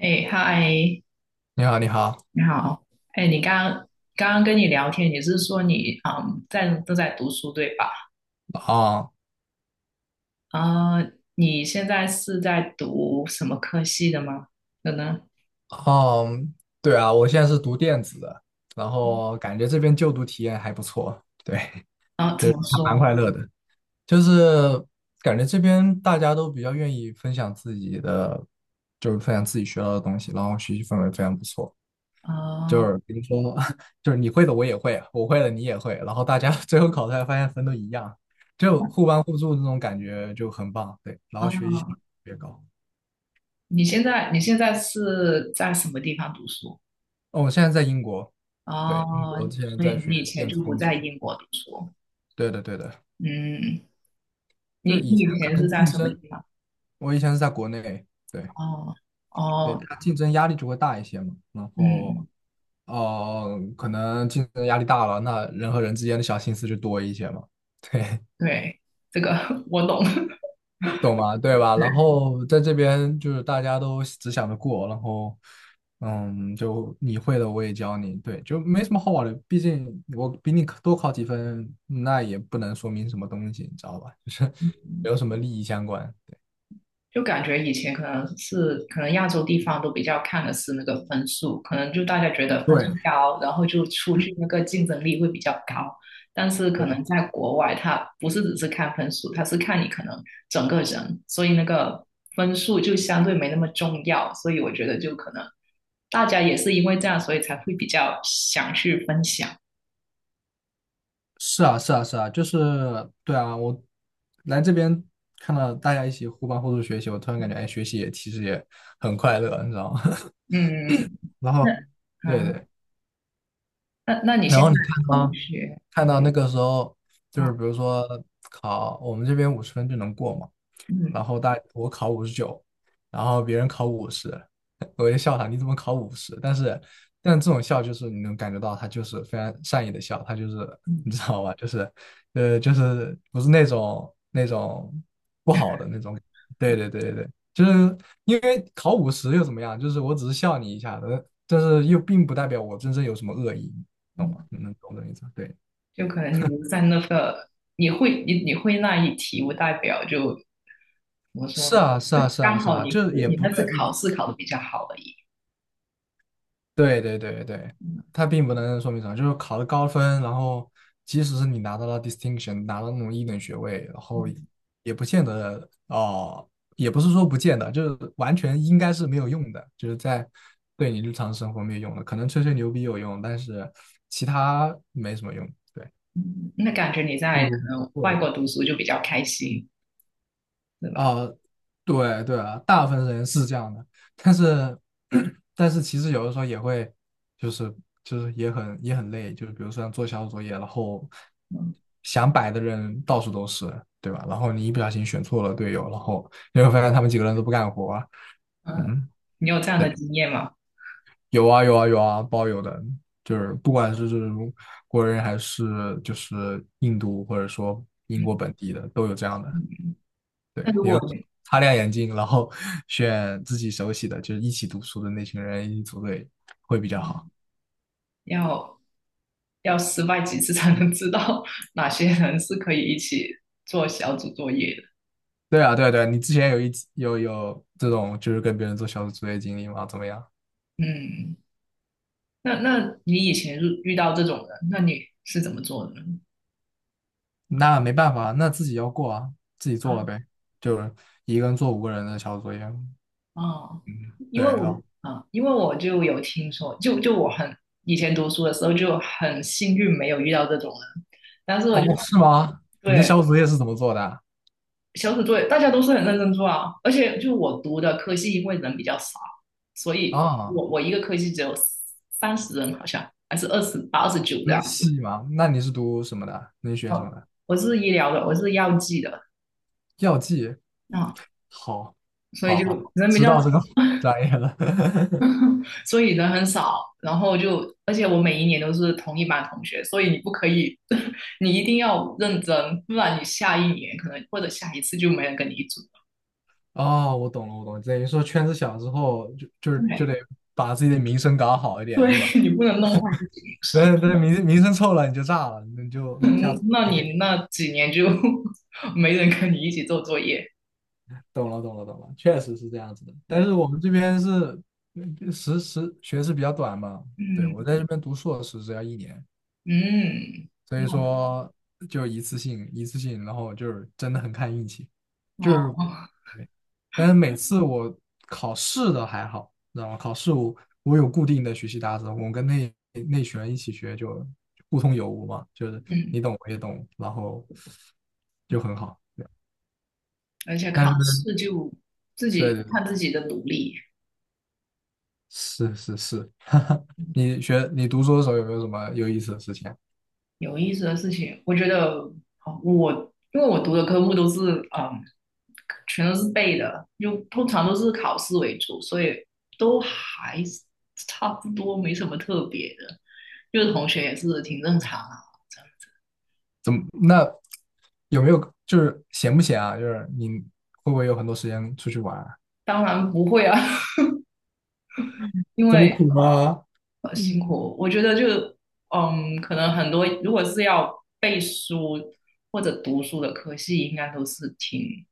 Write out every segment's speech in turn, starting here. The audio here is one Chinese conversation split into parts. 哎，嗨，你好，你好。你好。哎，你刚刚跟你聊天，你是说你在都在读书对吧？啊，啊，你现在是在读什么科系的吗？可能哦，对啊，我现在是读电子的，然后感觉这边就读体验还不错。对，啊，就怎是么还蛮说？快乐的，就是感觉这边大家都比较愿意分享自己的，就是分享自己学到的东西，然后学习氛围非常不错。就啊，是比如说，就是你会的我也会啊，我会的你也会，然后大家 最后考出来发现分都一样，就互帮互助这种感觉就很棒。对，然后学习效啊，率特别高。你现在是在什么地方读书？哦，我现在在英国。对，英哦，国现在所在以学你以前电子就不工在程。英国读书。对的，对的，嗯，就你以你以前可前是能在竞什么争，地方？我以前是在国内。对哦对，哦，它竞争压力就会大一些嘛。然后嗯，可能竞争压力大了，那人和人之间的小心思就多一些嘛。对，对，这个 我懂。懂吗？对吧？然后在这边就是大家都只想着过，然后嗯，就你会的我也教你。对，就没什么好玩的。毕竟我比你多考几分，那也不能说明什么东西，你知道吧？就是没有什么利益相关。就感觉以前可能亚洲地方都比较看的是那个分数，可能就大家觉得分数对高，然后就出去那个竞争力会比较高。但是可对，能在国外，它不是只是看分数，它是看你可能整个人，所以那个分数就相对没那么重要。所以我觉得就可能大家也是因为这样，所以才会比较想去分享。是啊是啊是啊，就是对啊，我来这边看到大家一起互帮互助学习，我突然感觉，哎，学习也其实也很快乐，你知道吗？嗯，然那后，对啊，对，那那你然现在后你看同啊。学看到那个时候，就是啊，比如说考我们这边50分就能过嘛，嗯然后大我考59，然后别人考五十。我就笑他，你怎么考五十？但是，但这种笑就是你能感觉到他就是非常善意的笑，他就是你知嗯道吧，就是就是不是那种那种不好的那种。对对对对对，就是因为考五十又怎么样？就是我只是笑你一下的但是又并不代表我真正有什么恶意，懂吗？嗯。能懂这意思？对。就可能你留在那个，你会那一题，不代表就怎么说是呢？啊，是就啊，是啊，刚是好啊，就是也你不那次对。考试考的比较好而已。对对对对，它并不能说明什么，就是考了高分，然后即使是你拿到了 distinction，拿到那种一等学位，然后嗯，也不见得哦，也不是说不见得，就是完全应该是没有用的，就是在对你日常生活没有用的，可能吹吹牛逼有用，但是其他没什么用。对，嗯那感觉你不在如。可能外国读书就比较开心，对吧？啊，对对啊，大部分人是这样的。但是 但是其实有的时候也会，就是也很也很累，就是比如说像做小组作业，然后嗯想摆的人到处都是，对吧？然后你一不小心选错了队友，然后你会发现他们几个人都不干活啊。嗯，嗯，你有这样对，的经验吗？有啊有啊有啊，包有的，就是不管是这种国人还是就是印度或者说英国嗯本地的，都有这样的。嗯。对，那如你果就你擦亮眼睛，然后 选自己熟悉的，就是一起读书的那群人一起组队会比较好。嗯要要失败几次才能知道 哪些人是可以一起做小组作业的？对啊，对啊，对啊你之前有一有有这种就是跟别人做小组作业经历吗？怎么样？嗯，那你以前遇到这种人，那你是怎么做的呢？那没办法，那自己要过啊，自己做了啊？呗，就是一个人做5个人的小组作业。哦，嗯，对了，因为我就有听说，就我很以前读书的时候就很幸运没有遇到这种人，但是我就哦，是吗？你的对，小组作业是怎么做的啊？小组作业大家都是很认真做啊，而且就我读的科系因为人比较少，所以啊，我一个科系只有30人好像还是2829这读样，戏吗？那你是读什么的？你学什么的？我是医疗的，我是药剂的药剂。啊，好，所以好，好，就好人比知较少，道这个 专业了。所以人很少，然后就而且我每一年都是同一班同学，所以你不可以，你一定要认真，不然你下一年可能或者下一次就没人跟你一组了。哦，我懂了，我懂了，等于说圈子小之后，就就对得把自己的名声搞好一点，对，对吧？你不能弄坏自己名声，那名声臭了，你就炸了，你就下嗯，次那你那几年就 没人跟你一起做作业。懂了，懂了，懂了，确实是这样子的。但对，是我们这边是嗯学制比较短嘛。对，我嗯在这边读硕士只要一年，嗯，所以说就一次性一次性，然后就是真的很看运气，就是哦，对，但是每次我考试的还好，你知道吗？考试我有固定的学习搭子，我跟那那群人一起学就互通有无嘛，就是嗯，你懂我也懂，然后就很好。对而且但考是试就自对己对对，看自己的努力。是是是，哈哈，你学你读书的时候有没有什么有意思的事情啊有意思的事情，我觉得哦我因为我读的科目都是嗯，全都是背的，就通常都是考试为主，所以都还是差不多，没什么特别的。就是同学也是挺正常啊，这样怎么那有没有就是闲不闲啊？就是你会不会有很多时间出去玩啊当然不会啊，因这么为苦吗？辛苦。我觉得就可能很多如果是要背书或者读书的科系，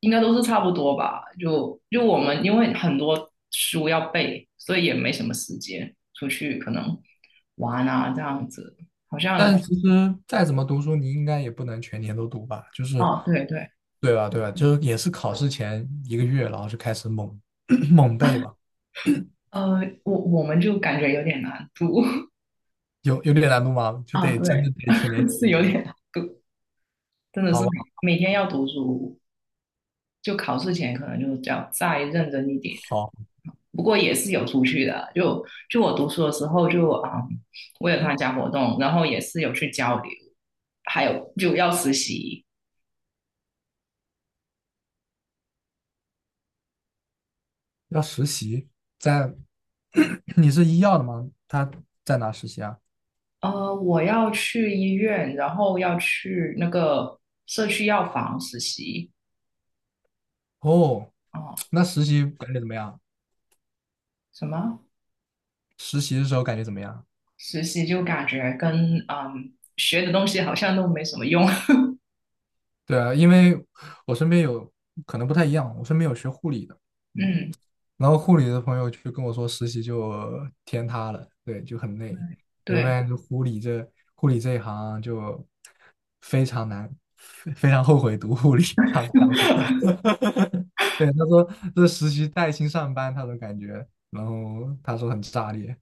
应该都是差不多吧。就我们因为很多书要背，所以也没什么时间出去可能玩啊这样子。好像但其实再怎么读书，你应该也不能全年都读吧？就是，哦，对对，对吧？对吧？就是也是考试前一个月，然后就开始猛 猛背吧。我们就感觉有点难读 有有点难度吗？就啊，得真对，的得全年 学是有了，点难读，真的好是每吧？每天要读书。就考试前可能就要再认真一点。好，不过也是有出去的，就就我读书的时候就啊、嗯我有参加活动，然后也是有去交流，还有就要实习。要实习，在 你是医药的吗？他在哪实习啊？我要去医院，然后要去那个社区药房实习。哦，哦，那实习感觉怎么样？什么实习的时候感觉怎么样？实习就感觉跟学的东西好像都没什么用。对啊，因为我身边有可能不太一样，我身边有学护理的。嗯，嗯，然后护理的朋友就跟我说，实习就天塌了。对，就很累。你会发对。现，就护理这护理这一行就非常难，非常后悔读护理。他是这样说 的对，他说这实习带薪上班，他都感觉，然后他说很炸裂，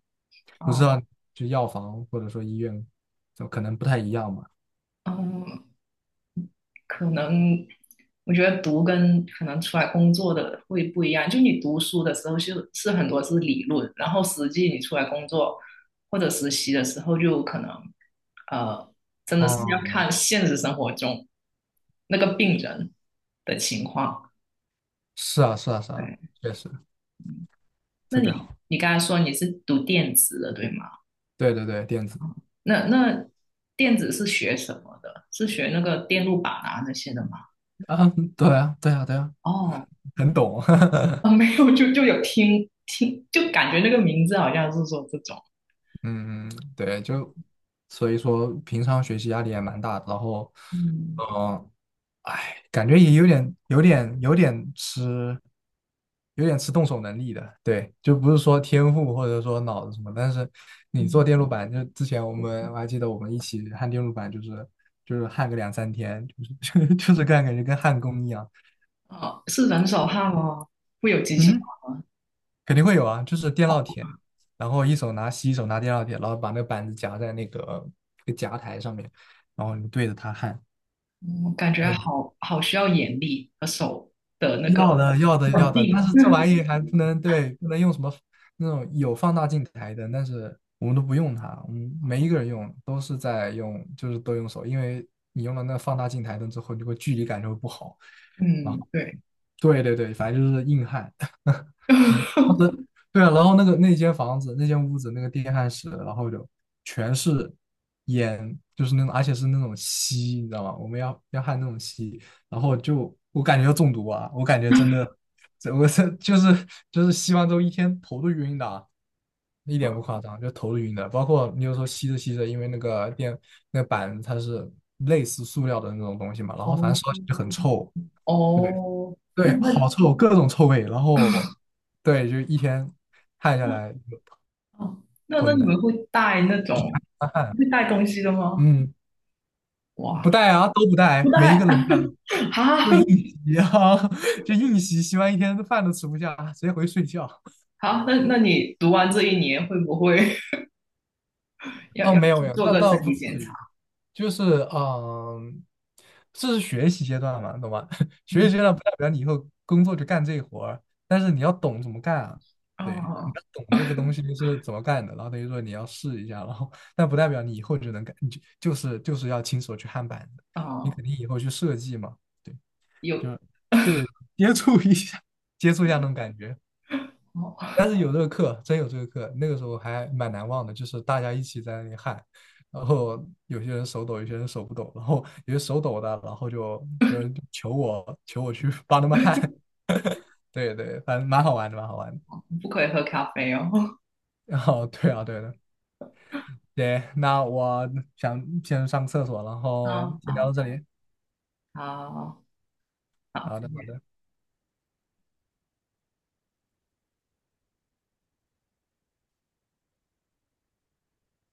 不知哦，道就药房或者说医院，就可能不太一样吧。嗯，可能我觉得读跟可能出来工作的会不一样。就你读书的时候是很多是理论，然后实际你出来工作或者实习的时候，就可能呃，真的是要哦，看现实生活中那个病人的情况。是啊，是啊，是啊，对，确实那特别你好。你刚才说你是读电子的，对吗？对对对，电子那电子是学什么的？是学那个电路板啊那些的吗？啊，对啊，对啊，对啊，哦 很懂。啊，没有，就有听听，就感觉那个名字好像是说这种，嗯，嗯对，就所以说平常学习压力也蛮大的然后，嗯嗯、哎，感觉也有点、有点、有点吃动手能力的。对，就不是说天赋或者说脑子什么，但是你做嗯，电路板，就之前我们我还记得我们一起焊电路板，就是就是焊个两三天，就是 就是干感觉跟焊工一样。啊，是人手汗哦，会有机器嗯，肯定会有啊，就是电哦，烙铁，然后一手拿锡，一手拿电烙铁，然后把那个板子夹在那个那个夹台上面，然后你对着它焊。嗯，感觉对。好需要眼力和手的那个要的，要的，稳要的，但定，是这玩意还不能对，不能用什么那种有放大镜台灯，但是我们都不用它，我们没一个人 用，都是在用，就是都用手，因为你用了那放大镜台灯之后，你会距离感就会不好。啊。嗯，对，对对对，反正就是硬汉。嗯，当 时对啊，然后那个那间房子，那间屋子，那个电焊室，然后就全是烟，就是那种，而且是那种锡，你知道吗？我们要焊那种锡，然后就我感觉要中毒啊，我感觉真的，这就是就是吸完之后一天头都晕的啊，一点不夸张，就头都晕的。包括你有时候吸着吸着，因为那个电那个板它是类似塑料的那种东西嘛，然哦后反正烧起来就很臭。对哦，那对，好那臭，各种臭味。然后对，就一天汗下那来哦，那昏你们的，会带那种干汗。会带东西的吗？嗯。哇，不带啊，都不不带，没一带 个能带，好，就硬吸啊，就硬吸，吸完一天饭都吃不下，直接回去睡觉。好，那你读完这一年会不会？要哦，要没有去没有，做那个倒身不体至检于，查。就是嗯，这是学习阶段嘛，懂吧？学习嗯，阶段不代表你以后工作就干这活儿，但是你要懂怎么干啊。对，你哦要懂这个东西是怎么干的，然后等于说你要试一下，然后但不代表你以后就能干，你就就是要亲手去焊板子，你哦，肯定以后去设计嘛。对，有就对，接触一下，接触一下那种感觉。哦，但是有这个课，真有这个课，那个时候还蛮难忘的，就是大家一起在那里喊，然后有些人手抖，有些人手不抖，然后有些手抖的，然后就求我去帮他们喊。对对，反正蛮好玩的，蛮好玩的。不可以喝咖啡哦。然后对啊，对的，对，那我想先上个厕所，然后哦，先聊到好这里。好好，好再的，好见。的。